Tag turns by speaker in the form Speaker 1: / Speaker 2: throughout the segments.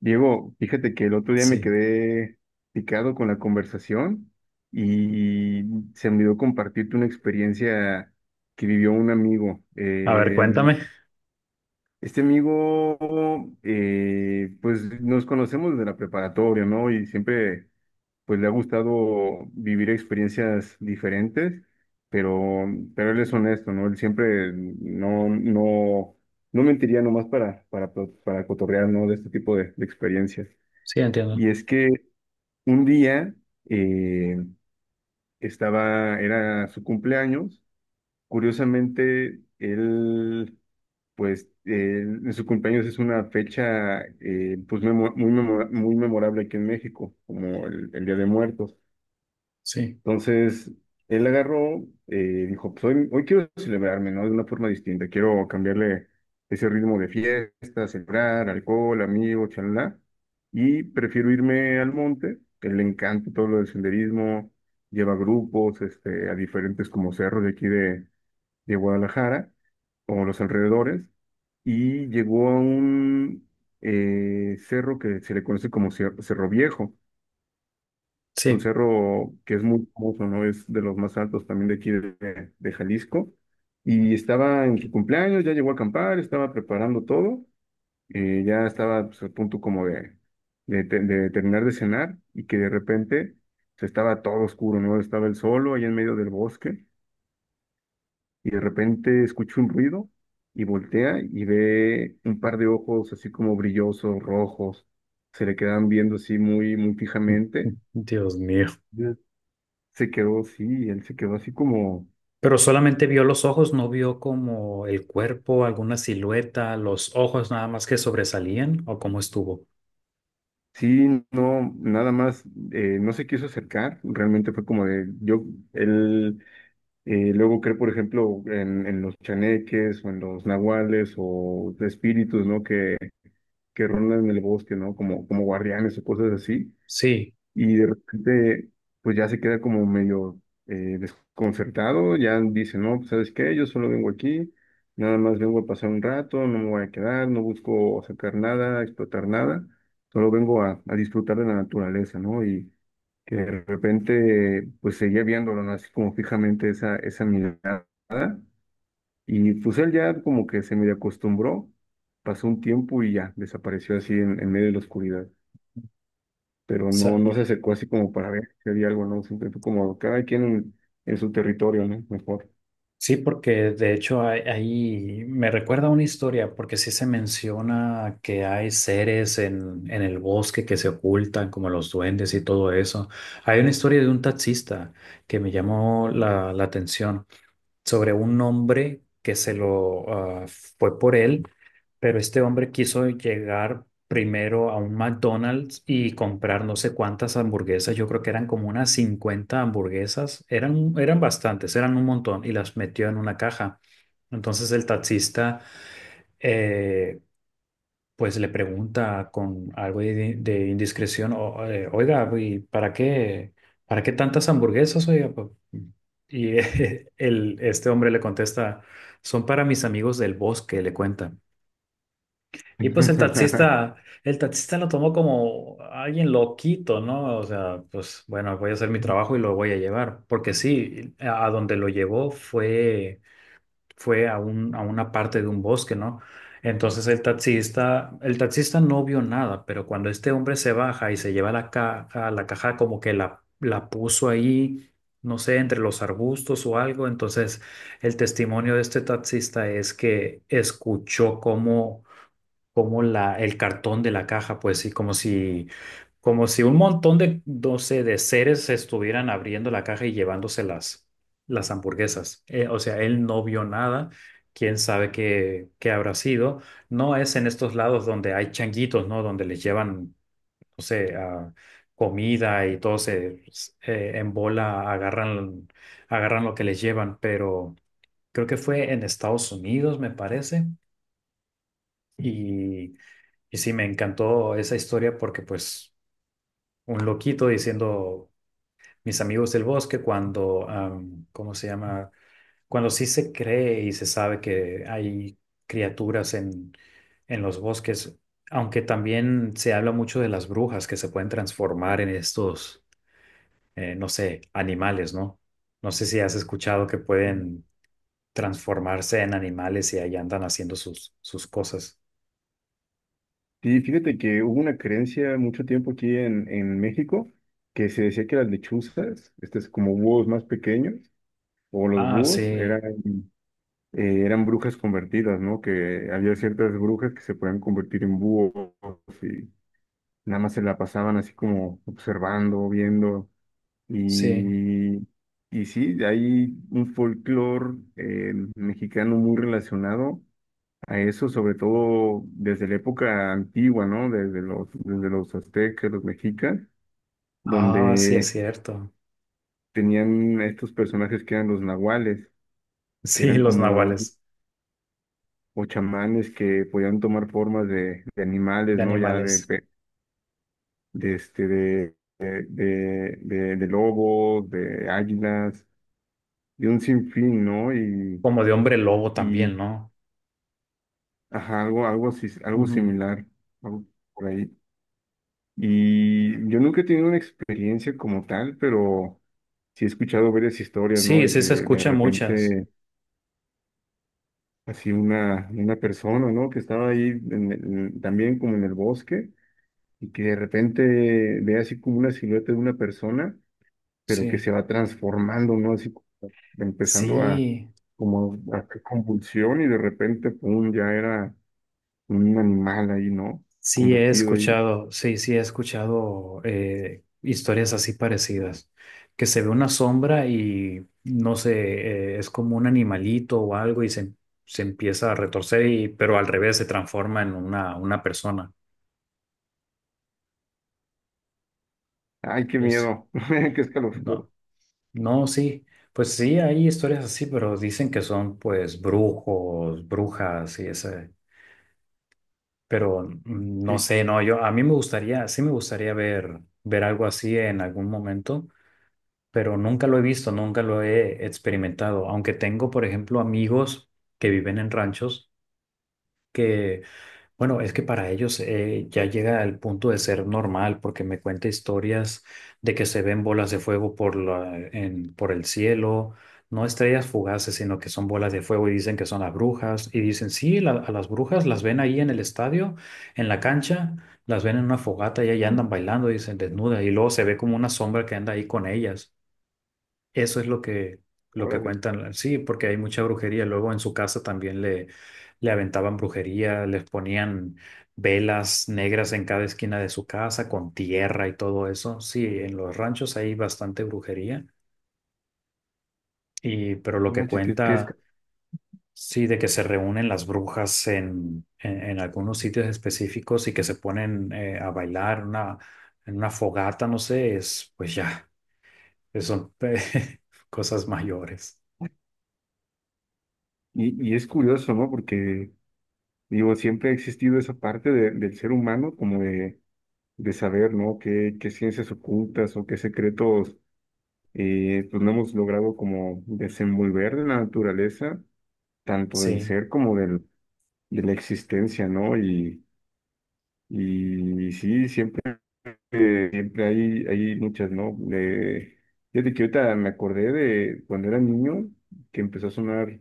Speaker 1: Diego, fíjate que el otro día me
Speaker 2: Sí.
Speaker 1: quedé picado con la conversación y se me olvidó compartirte una experiencia que vivió un amigo.
Speaker 2: A ver, cuéntame.
Speaker 1: Este amigo, pues nos conocemos desde la preparatoria, ¿no? Y siempre, pues le ha gustado vivir experiencias diferentes, pero, pero él es honesto, ¿no? Él siempre no mentiría nomás para cotorrear, ¿no? De este tipo de experiencias.
Speaker 2: Sí, entiendo.
Speaker 1: Y es que un día eh, estaba, era su cumpleaños. Curiosamente, él, pues, en su cumpleaños es una fecha, pues, muy memorable aquí en México, como el Día de Muertos.
Speaker 2: Sí,
Speaker 1: Entonces, él agarró, dijo, pues hoy quiero celebrarme, ¿no? De una forma distinta, quiero cambiarle ese ritmo de fiesta, celebrar, alcohol, amigos, chalala, y prefiero irme al monte, que le encanta todo lo del senderismo, lleva grupos, este, a diferentes como cerros de aquí de Guadalajara, o los alrededores, y llegó a un cerro que se le conoce como Cerro Viejo, es un
Speaker 2: sí.
Speaker 1: cerro que es muy famoso, ¿no? Es de los más altos también de aquí de Jalisco. Y estaba en su cumpleaños, ya llegó a acampar, estaba preparando todo, ya estaba pues, a punto como de terminar de cenar, y que de repente se estaba todo oscuro, ¿no? Estaba él solo ahí en medio del bosque y de repente escucha un ruido y voltea y ve un par de ojos así como brillosos, rojos, se le quedan viendo así muy fijamente.
Speaker 2: Dios mío.
Speaker 1: Se quedó, sí, él se quedó así como,
Speaker 2: Pero solamente vio los ojos, no vio como el cuerpo, alguna silueta, los ojos nada más que sobresalían o cómo estuvo.
Speaker 1: sí, no, nada más, no se quiso acercar, realmente fue como de, yo, él luego cree, por ejemplo, en los chaneques o en los nahuales o espíritus, ¿no? Que rondan en el bosque, ¿no? Como guardianes o cosas así.
Speaker 2: Sí,
Speaker 1: Y de repente pues ya se queda como medio desconcertado, ya dice, no, pues, ¿sabes qué? Yo solo vengo aquí, nada más vengo a pasar un rato, no me voy a quedar, no busco sacar nada, explotar nada, solo vengo a disfrutar de la naturaleza, ¿no? Y que de repente pues seguía viéndolo, ¿no? Así como fijamente esa mirada y pues él ya como que se medio acostumbró, pasó un tiempo y ya desapareció así en medio de la oscuridad, pero
Speaker 2: sa-
Speaker 1: no se acercó así como para ver si había algo, ¿no? Siempre fue como cada quien en su territorio, ¿no? Mejor.
Speaker 2: sí, porque de hecho ahí me recuerda una historia, porque sí se menciona que hay seres en el bosque que se ocultan, como los duendes y todo eso. Hay una historia de un taxista que me llamó la atención sobre un hombre que se lo ah, fue por él, pero este hombre quiso llegar primero a un McDonald's y comprar no sé cuántas hamburguesas, yo creo que eran como unas 50 hamburguesas, eran bastantes, eran un montón y las metió en una caja. Entonces el taxista, eh, pues le pregunta con algo de indiscreción, oiga, ¿y para qué tantas hamburguesas, oiga? Y este hombre le contesta, son para mis amigos del bosque, le cuenta. Y pues el taxista lo tomó como alguien loquito, ¿no? O sea, pues bueno, voy a hacer mi trabajo y lo voy a llevar, porque sí, a donde lo llevó fue fue a a una parte de un bosque, ¿no? Entonces el taxista no vio nada, pero cuando este hombre se baja y se lleva la caja como que la puso ahí, no sé, entre los arbustos o algo. Entonces el testimonio de este taxista es que escuchó cómo como el cartón de la caja, pues sí, como si un montón de, no sé, de seres estuvieran abriendo la caja y llevándose las hamburguesas. O sea, él no vio nada, quién sabe qué, qué habrá sido. No es en estos lados donde hay changuitos, ¿no? Donde les llevan, no sé, comida y todo se en bola agarran lo que les llevan, pero creo que fue en Estados Unidos, me parece. Y y sí, me encantó esa historia porque pues un loquito diciendo mis amigos del bosque cuando, ¿cómo se llama? Cuando sí se cree y se sabe que hay criaturas en los bosques, aunque también se habla mucho de las brujas que se pueden transformar en estos, no sé, animales, ¿no? No sé si has escuchado que pueden transformarse en animales y ahí andan haciendo sus, sus cosas.
Speaker 1: Sí, fíjate que hubo una creencia mucho tiempo aquí en México que se decía que las lechuzas, estos como búhos más pequeños, o los
Speaker 2: Ah,
Speaker 1: búhos, eran,
Speaker 2: sí,
Speaker 1: eran brujas convertidas, ¿no? Que había ciertas brujas que se podían convertir en búhos y nada más se la pasaban así como observando, viendo.
Speaker 2: sí.
Speaker 1: Y, y sí, hay un folclore mexicano muy relacionado a eso, sobre todo desde la época antigua, ¿no? Desde los aztecas, los mexicas,
Speaker 2: Ah, sí, es
Speaker 1: donde
Speaker 2: cierto.
Speaker 1: tenían estos personajes que eran los nahuales, que
Speaker 2: Sí,
Speaker 1: eran
Speaker 2: los
Speaker 1: como
Speaker 2: nahuales
Speaker 1: o chamanes que podían tomar formas de animales,
Speaker 2: de
Speaker 1: ¿no? Ya de,
Speaker 2: animales,
Speaker 1: de este, de lobos, de águilas, de un sinfín, ¿no? Y
Speaker 2: como de hombre lobo también, ¿no?
Speaker 1: ajá, algo así, algo
Speaker 2: Ujú.
Speaker 1: similar, algo por ahí. Y yo nunca he tenido una experiencia como tal, pero sí he escuchado varias historias, ¿no?
Speaker 2: Sí,
Speaker 1: De que
Speaker 2: sí se
Speaker 1: de
Speaker 2: escuchan muchas.
Speaker 1: repente, así una persona, ¿no? Que estaba ahí en también como en el bosque y que de repente ve así como una silueta de una persona, pero que
Speaker 2: Sí,
Speaker 1: se va transformando, ¿no? Así como empezando a,
Speaker 2: sí,
Speaker 1: como a hacer convulsión y de repente, pum, ya era un animal ahí, ¿no?
Speaker 2: sí he
Speaker 1: Convertido.
Speaker 2: escuchado, sí, sí he escuchado historias así parecidas, que se ve una sombra y no sé, es como un animalito o algo y se empieza a retorcer y, pero al revés se transforma en una persona.
Speaker 1: Ay, qué
Speaker 2: Es,
Speaker 1: miedo, qué escalofrío,
Speaker 2: no, No, sí, pues sí, hay historias así, pero dicen que son pues brujos, brujas y ese, pero mm, no
Speaker 1: qué,
Speaker 2: sé, no, yo a mí me gustaría, sí me gustaría ver algo así en algún momento, pero nunca lo he visto, nunca lo he experimentado, aunque tengo, por ejemplo, amigos que viven en ranchos que bueno, es que para ellos ya llega al punto de ser normal, porque me cuenta historias de que se ven bolas de fuego por por el cielo, no estrellas fugaces, sino que son bolas de fuego y dicen que son las brujas. Y dicen, sí, a las brujas las ven ahí en el estadio, en la cancha, las ven en una fogata y ahí andan bailando, dicen desnuda, y luego se ve como una sombra que anda ahí con ellas. Eso es lo que
Speaker 1: órale,
Speaker 2: cuentan, sí, porque hay mucha brujería. Luego en su casa también le aventaban brujería, les ponían velas negras en cada esquina de su casa con tierra y todo eso. Sí, en los ranchos hay bastante brujería, y, pero lo
Speaker 1: no
Speaker 2: que
Speaker 1: manches,
Speaker 2: cuenta, sí, de que se reúnen las brujas en algunos sitios específicos y que se ponen a bailar en una fogata, no sé, es pues ya, son cosas mayores.
Speaker 1: Y, y es curioso, ¿no? Porque, digo, siempre ha existido esa parte de- del ser humano como de saber, ¿no? Qué ciencias ocultas o qué secretos, pues no hemos logrado como desenvolver de la naturaleza, tanto del
Speaker 2: Sí.
Speaker 1: ser como del, de la existencia, ¿no? Y sí, siempre siempre hay, hay muchas, ¿no? Fíjate que ahorita me acordé de cuando era niño que empezó a sonar,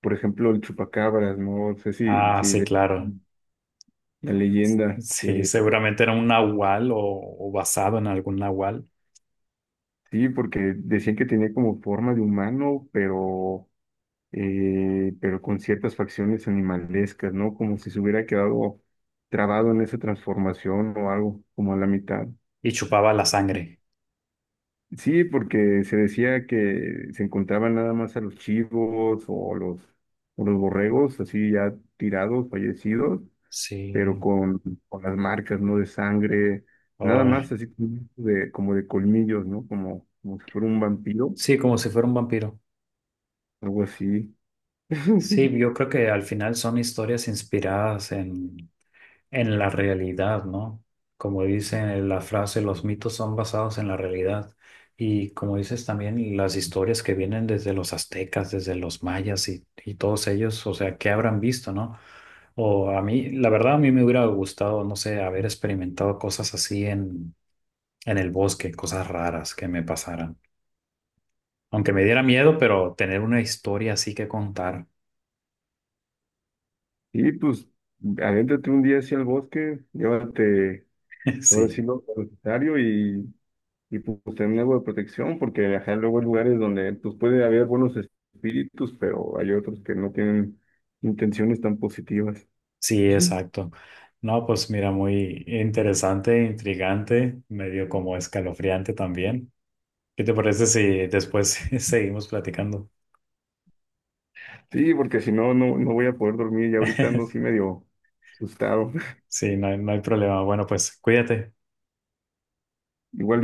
Speaker 1: por ejemplo, el chupacabras, ¿no? No sé
Speaker 2: Ah,
Speaker 1: si
Speaker 2: sí, claro.
Speaker 1: la leyenda,
Speaker 2: Sí,
Speaker 1: que
Speaker 2: seguramente era un nahual o basado en algún nahual
Speaker 1: sí, porque decían que tenía como forma de humano, pero con ciertas facciones animalescas, ¿no? Como si se hubiera quedado trabado en esa transformación o algo, como a la mitad.
Speaker 2: y chupaba la sangre.
Speaker 1: Sí, porque se decía que se encontraban nada más a los chivos o los borregos así ya tirados, fallecidos, pero
Speaker 2: Sí.
Speaker 1: con las marcas, ¿no? De sangre, nada
Speaker 2: Ay,
Speaker 1: más así como de colmillos, ¿no? Como, como si fuera un vampiro,
Speaker 2: sí, como si fuera un vampiro.
Speaker 1: algo así.
Speaker 2: Sí, yo creo que al final son historias inspiradas en la realidad, ¿no? Como dice la frase, los mitos son basados en la realidad. Y como dices también, las historias que vienen desde los aztecas, desde los mayas y todos ellos, o sea, ¿qué habrán visto, no? O a mí, la verdad, a mí me hubiera gustado, no sé, haber experimentado cosas así en el bosque, cosas raras que me pasaran. Aunque me diera miedo, pero tener una historia así que contar,
Speaker 1: Y pues, adéntrate un día hacia el bosque, llévate, sobre
Speaker 2: sí.
Speaker 1: sí lo y pues tener algo de protección, porque ajá, luego hay lugares donde pues puede haber buenos espíritus, pero hay otros que no tienen intenciones tan positivas.
Speaker 2: Sí,
Speaker 1: Ujú.
Speaker 2: exacto. No, pues mira, muy interesante, intrigante, medio como escalofriante también. ¿Qué te parece si después seguimos platicando?
Speaker 1: Sí, porque si no, no, no voy a poder dormir y ahorita ando así medio asustado.
Speaker 2: Sí, no hay problema. Bueno, pues cuídate.
Speaker 1: Igual